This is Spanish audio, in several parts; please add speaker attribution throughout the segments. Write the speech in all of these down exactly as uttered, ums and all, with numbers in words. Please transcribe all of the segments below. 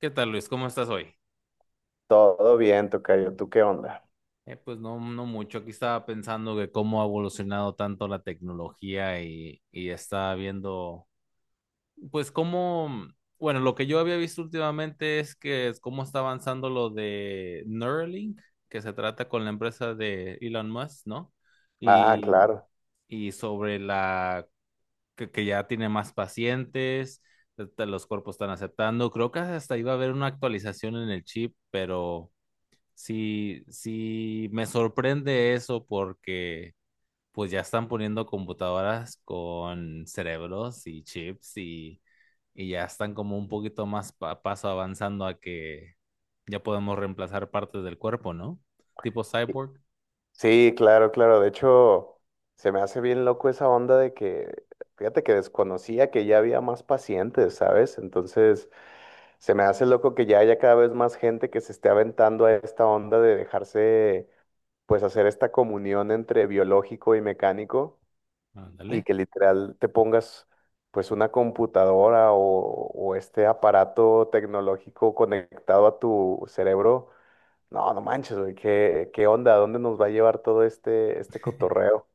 Speaker 1: ¿Qué tal, Luis? ¿Cómo estás hoy?
Speaker 2: Todo bien, tocayo. ¿Tú qué onda?
Speaker 1: Eh, pues no, no mucho. Aquí estaba pensando que cómo ha evolucionado tanto la tecnología y, y estaba viendo, pues cómo, bueno, lo que yo había visto últimamente es que es cómo está avanzando lo de Neuralink, que se trata con la empresa de Elon Musk, ¿no?
Speaker 2: Ah,
Speaker 1: Y,
Speaker 2: claro.
Speaker 1: y sobre la que, que ya tiene más pacientes, te- te- los cuerpos están aceptando. Creo que hasta iba a haber una actualización en el chip, pero sí, sí, me sorprende eso porque pues ya están poniendo computadoras con cerebros y chips y, y ya están como un poquito más pa- paso avanzando a que ya podemos reemplazar partes del cuerpo, ¿no? Tipo
Speaker 2: Sí,
Speaker 1: cyborg.
Speaker 2: sí, claro, claro. De hecho, se me hace bien loco esa onda de que, fíjate que desconocía que ya había más pacientes, ¿sabes? Entonces, se me hace loco que ya haya cada vez más gente que se esté aventando a esta onda de dejarse, pues, hacer esta comunión entre biológico y mecánico
Speaker 1: Ándale.
Speaker 2: y que literal te pongas, pues, una computadora o, o este aparato tecnológico conectado a tu cerebro. No, no manches, güey, ¿qué, qué onda? ¿A dónde nos va a llevar todo este, este cotorreo?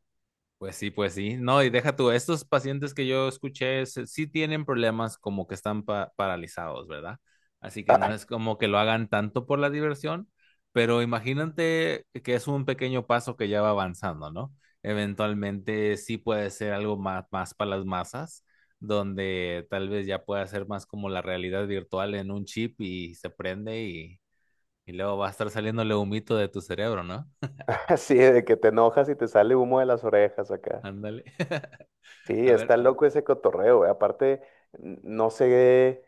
Speaker 1: Pues sí, pues sí. No, y deja tú, estos pacientes que yo escuché se- sí tienen problemas como que están pa- paralizados, ¿verdad? Así que no es como que lo hagan tanto por la diversión, pero imagínate que es un pequeño paso que ya va avanzando, ¿no? Eventualmente sí puede ser algo más, más para las masas, donde tal vez ya pueda ser más como la realidad virtual en un chip y se prende y, y luego va a estar saliéndole humito de tu cerebro, ¿no?
Speaker 2: Así de que te enojas y te sale humo de las orejas acá.
Speaker 1: Ándale.
Speaker 2: Sí,
Speaker 1: A
Speaker 2: está
Speaker 1: ver.
Speaker 2: loco ese cotorreo, güey. Aparte, n- no sé.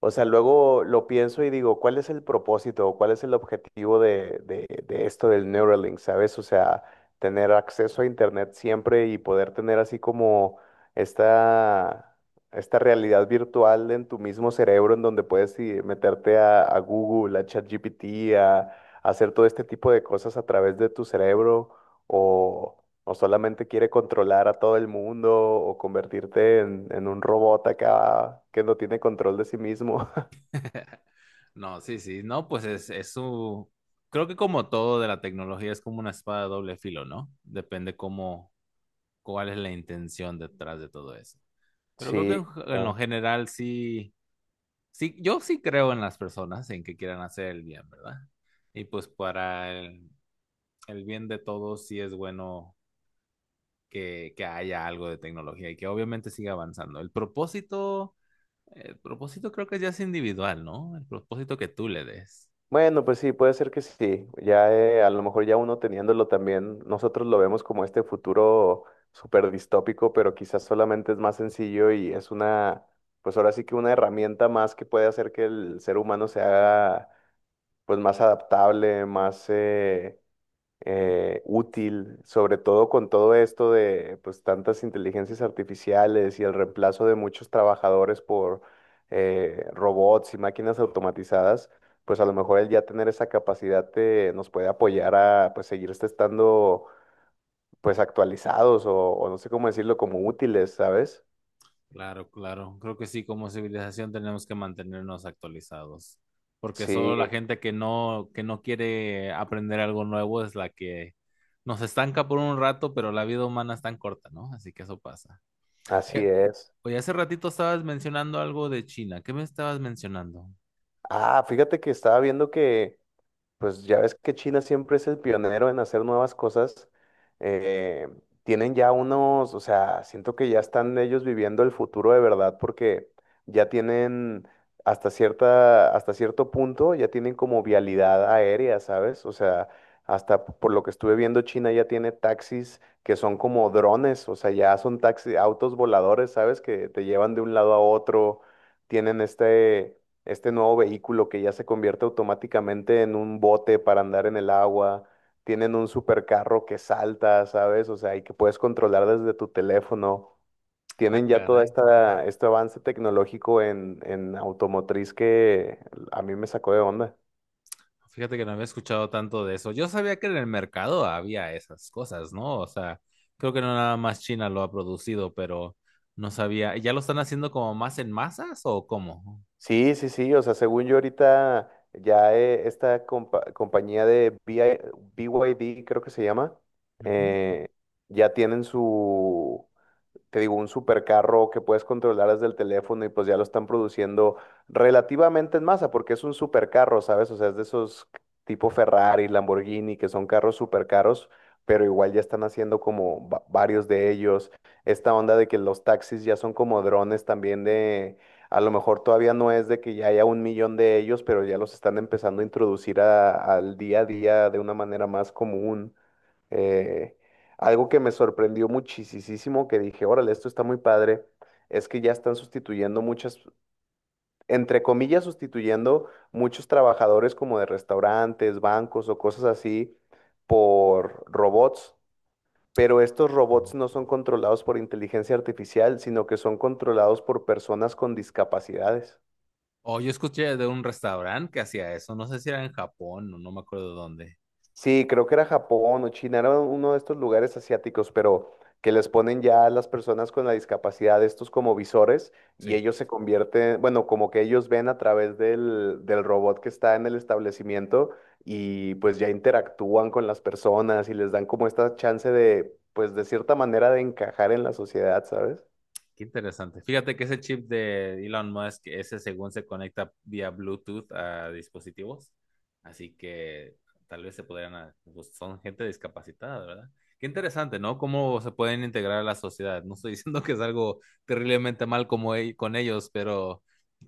Speaker 2: O sea, luego lo pienso y digo, ¿cuál es el propósito o cuál es el objetivo de, de- de esto del Neuralink, ¿sabes? O sea, tener acceso a Internet siempre y poder tener así como esta, esta realidad virtual en tu mismo cerebro, en donde puedes eh, meterte a, a Google, a ChatGPT, a, a hacer todo este tipo de cosas a través de tu cerebro, o o solamente quiere controlar a todo el mundo o convertirte en, en un robot acá que no tiene control de sí mismo.
Speaker 1: No, sí, sí, no, pues es, es su... Creo que como todo de la tecnología es como una espada de doble filo, ¿no? Depende cómo, cuál es la intención detrás de todo eso. Pero creo
Speaker 2: Sí,
Speaker 1: que en, en lo
Speaker 2: claro.
Speaker 1: general sí, sí, yo sí creo en las personas, en que quieran hacer el bien, ¿verdad? Y pues para el, el bien de todos sí es bueno que, que haya algo de tecnología y que obviamente siga avanzando. El propósito, el propósito creo que ya es individual, ¿no? El propósito que tú le des.
Speaker 2: Bueno, pues sí, puede ser que sí. Ya eh, a lo mejor ya uno teniéndolo también, nosotros lo vemos como este futuro súper distópico, pero quizás solamente es más sencillo y es una, pues ahora sí que una herramienta más que puede hacer que el ser humano se haga pues más adaptable, más eh, eh, útil, sobre todo con todo esto de pues tantas inteligencias artificiales y el reemplazo de muchos trabajadores por eh, robots y máquinas automatizadas. Pues a lo mejor el ya tener esa capacidad te- nos puede apoyar a pues seguir este estando pues actualizados o, o no sé cómo decirlo, como útiles, ¿sabes?
Speaker 1: Claro, claro. Creo que sí, como civilización tenemos que mantenernos actualizados, porque solo
Speaker 2: Sí,
Speaker 1: la gente que no, que no quiere aprender algo nuevo es la que nos estanca por un rato, pero la vida humana es tan corta, ¿no? Así que eso pasa.
Speaker 2: así
Speaker 1: Oye,
Speaker 2: es.
Speaker 1: oye, hace ratito estabas mencionando algo de China. ¿Qué me estabas mencionando?
Speaker 2: Ah, fíjate que estaba viendo que... Pues ya ves que China siempre es el pionero en hacer nuevas cosas. eh, tienen ya unos, o sea, siento que ya están ellos viviendo el futuro de verdad porque ya tienen hasta cierta, hasta cierto punto, ya tienen como vialidad aérea, ¿sabes? O sea, hasta p- por lo que estuve viendo, China ya tiene taxis que son como drones, o sea, ya son taxis, autos voladores, ¿sabes? Que te llevan de un lado a otro. Tienen este este nuevo vehículo que ya se convierte automáticamente en un bote para andar en el agua. Tienen un supercarro que salta, ¿sabes? O sea, y que puedes controlar desde tu teléfono.
Speaker 1: Ah,
Speaker 2: Tienen ya todo
Speaker 1: caray.
Speaker 2: esta, este avance tecnológico en, en automotriz que a mí me sacó de onda.
Speaker 1: Fíjate que no había escuchado tanto de eso. Yo sabía que en el mercado había esas cosas, ¿no? O sea, creo que no nada más China lo ha producido, pero no sabía. ¿Ya lo están haciendo como más en masas o cómo?
Speaker 2: Sí, sí, sí, o sea, según yo ahorita ya eh, esta compa- compañía de B B I B Y D creo que se llama.
Speaker 1: Ujú.
Speaker 2: eh, ya tienen su, te digo, un supercarro que puedes controlar desde el teléfono y pues ya lo están produciendo relativamente en masa, porque es un supercarro, ¿sabes? O sea, es de esos tipo Ferrari, Lamborghini, que son carros supercaros, pero igual ya están haciendo como va- varios de ellos. Esta onda de que los taxis ya son como drones también de... A lo mejor todavía no es de que ya haya un millón de ellos, pero ya los están empezando a introducir a- al día a día de una manera más común. Eh, algo que me sorprendió muchísimo, que dije, órale, esto está muy padre, es que ya están sustituyendo muchas, entre comillas, sustituyendo muchos trabajadores como de restaurantes, bancos o cosas así por robots, pero estos robots no son controlados por inteligencia artificial, sino que son controlados por personas con discapacidades.
Speaker 1: O yo escuché de un restaurante que hacía eso. No sé si era en Japón o no me acuerdo dónde.
Speaker 2: Sí, creo que era Japón o China, era uno de estos lugares asiáticos, pero que les ponen ya a las personas con la discapacidad estos como visores y
Speaker 1: Sí.
Speaker 2: ellos se convierten, bueno, como que ellos ven a través del, del robot que está en el establecimiento y pues ya interactúan con las personas y les dan como esta chance de, pues de cierta manera, de encajar en la sociedad, ¿sabes?
Speaker 1: Qué interesante. Fíjate que ese chip de Elon Musk, ese según se conecta vía Bluetooth a dispositivos, así que tal vez se podrían, a- pues son gente discapacitada, ¿verdad? Qué interesante, ¿no? Cómo se pueden integrar a la sociedad. No estoy diciendo que es algo terriblemente mal como e- con ellos, pero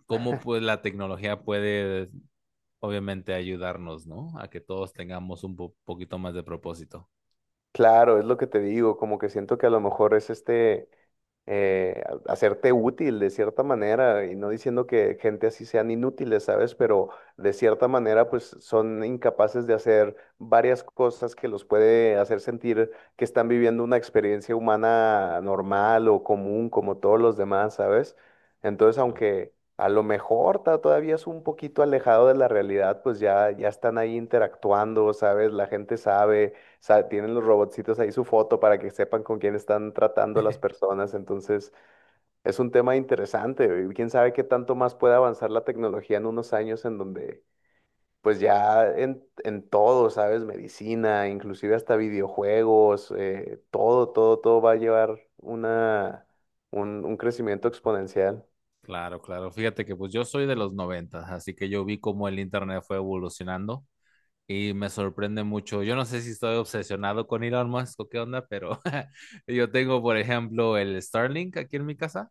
Speaker 1: cómo pues la tecnología puede obviamente ayudarnos, ¿no? A que todos tengamos un po- poquito más de propósito.
Speaker 2: Claro, es lo que te digo, como que siento que a lo mejor es este... eh, a- hacerte útil de cierta manera, y no diciendo que gente así sean inútiles, ¿sabes? Pero de cierta manera, pues son incapaces de hacer varias cosas que los puede hacer sentir que están viviendo una experiencia humana normal o común, como todos los demás, ¿sabes? Entonces,
Speaker 1: ¿No?
Speaker 2: aunque a lo mejor ta- todavía es un poquito alejado de la realidad, pues ya, ya están ahí interactuando, ¿sabes? La gente sabe, o sea, tienen los robotcitos ahí su foto para que sepan con quién están tratando las personas. Entonces, es un tema interesante. Y quién sabe qué tanto más puede avanzar la tecnología en unos años, en donde pues ya en, en todo, ¿sabes? Medicina, inclusive hasta videojuegos, eh, todo, todo, todo va a llevar una, un, un crecimiento exponencial.
Speaker 1: Claro, claro. Fíjate que pues yo soy de los noventas, así que yo vi cómo el internet fue evolucionando y me sorprende mucho. Yo no sé si estoy obsesionado con Elon Musk o qué onda, pero yo tengo, por ejemplo, el Starlink aquí en mi casa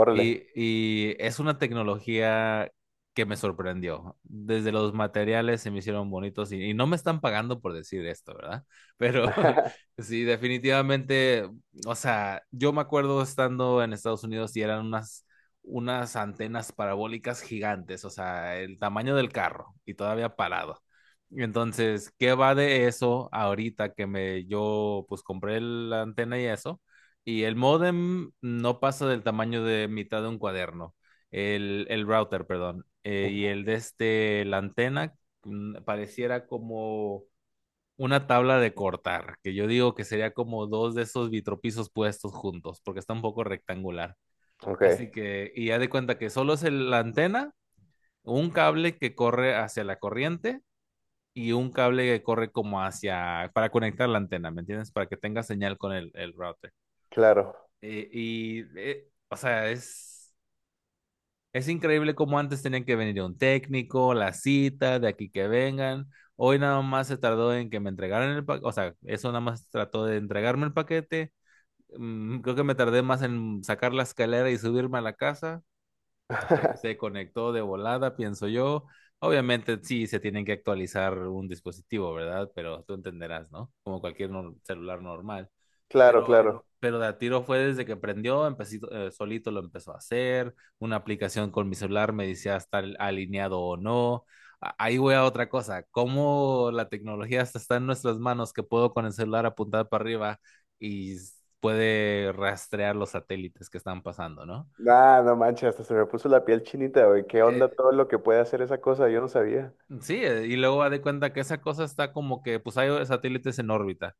Speaker 2: Órale.
Speaker 1: y, y es una tecnología que me sorprendió. Desde los materiales se me hicieron bonitos y, y no me están pagando por decir esto, ¿verdad? Pero sí, definitivamente, o sea, yo me acuerdo estando en Estados Unidos y eran unas, unas antenas parabólicas gigantes, o sea, el tamaño del carro y todavía parado. Entonces, ¿qué va de eso ahorita que me yo pues compré la antena y eso? Y el modem no pasa del tamaño de mitad de un cuaderno. El, el router, perdón. Eh, y
Speaker 2: Ujú.
Speaker 1: el de este, la antena, mm, pareciera como una tabla de cortar, que yo digo que sería como dos de esos vitropisos puestos juntos, porque está un poco rectangular.
Speaker 2: Ok,
Speaker 1: Así que, y ya de cuenta que solo es el- la antena, un cable que corre hacia la corriente y un cable que corre como hacia, para conectar la antena, ¿me entiendes? Para que tenga señal con el, el router.
Speaker 2: claro.
Speaker 1: Eh, y, eh, o sea, es, es increíble cómo antes tenían que venir un técnico, la cita, de aquí que vengan. Hoy nada más se tardó en que me entregaran el paquete, o sea, eso nada más trató de entregarme el paquete. Mm, Creo que me tardé más en sacar la escalera y subirme a la casa. Se, se conectó de volada, pienso yo. Obviamente sí se tienen que actualizar un dispositivo, ¿verdad? Pero tú entenderás, ¿no? Como cualquier nor- celular normal.
Speaker 2: Claro,
Speaker 1: Pero,
Speaker 2: claro.
Speaker 1: pero de a tiro fue desde que prendió, empecé, eh, solito lo empezó a hacer. Una aplicación con mi celular me decía está alineado o no. A- Ahí voy a otra cosa. Cómo la tecnología hasta está en nuestras manos, que puedo con el celular apuntar para arriba y s- puede rastrear los satélites que están pasando, ¿no?
Speaker 2: Ah, no manches, hasta se me puso la piel chinita, güey. ¿Qué onda
Speaker 1: Eh,
Speaker 2: todo lo que puede hacer esa cosa? Yo no sabía.
Speaker 1: sí, eh, y luego haz de cuenta que esa cosa está como que, pues hay satélites en órbita.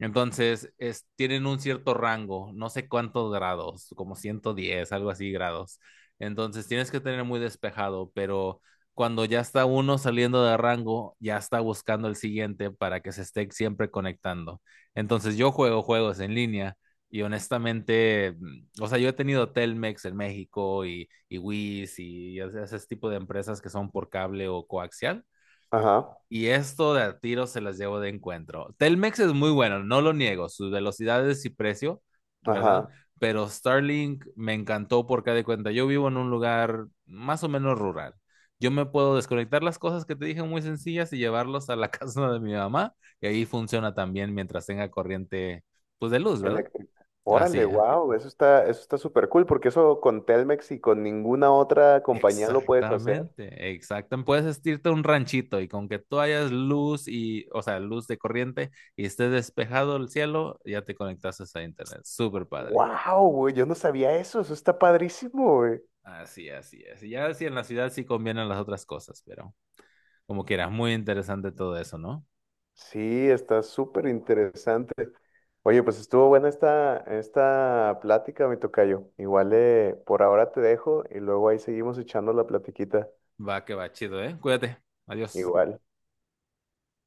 Speaker 1: Entonces, es, tienen un cierto rango, no sé cuántos grados, como ciento diez, algo así grados. Entonces, tienes que tener muy despejado, pero cuando ya está uno saliendo de rango, ya está buscando el siguiente para que se esté siempre conectando. Entonces, yo juego juegos en línea y honestamente mm, o sea, yo he tenido Telmex en México y, y Wiz y ese, ese tipo de empresas que son por cable o coaxial.
Speaker 2: Ajá,
Speaker 1: Y esto de a tiro se las llevo de encuentro. Telmex es muy bueno, no lo niego, sus velocidades y precio, ¿verdad?
Speaker 2: ajá,
Speaker 1: Pero Starlink me encantó porque de cuenta, yo vivo en un lugar más o menos rural. Yo me puedo desconectar las cosas que te dije muy sencillas y llevarlos a la casa de mi mamá y ahí funciona también mientras tenga corriente, pues de luz, ¿verdad?
Speaker 2: eléctrica.
Speaker 1: Así
Speaker 2: Órale,
Speaker 1: es.
Speaker 2: wow, eso está, eso está súper cool, porque eso con Telmex y con ninguna otra compañía lo puedes hacer.
Speaker 1: Exactamente, exactamente. Puedes irte a un ranchito y con que tú hayas luz y, o sea, luz de corriente y esté despejado el cielo, ya te conectas a internet. Súper padre.
Speaker 2: Wow, güey, yo no sabía eso, eso está padrísimo, güey.
Speaker 1: Así, así es. Y ya sí en la ciudad sí convienen las otras cosas, pero como quieras, muy interesante todo eso, ¿no?
Speaker 2: Sí, está súper interesante. Oye, pues estuvo buena esta, esta plática, mi tocayo. Igual, eh, por ahora te dejo y luego ahí seguimos echando la platiquita.
Speaker 1: Va que va, chido, ¿eh? Cuídate. Adiós.
Speaker 2: Igual.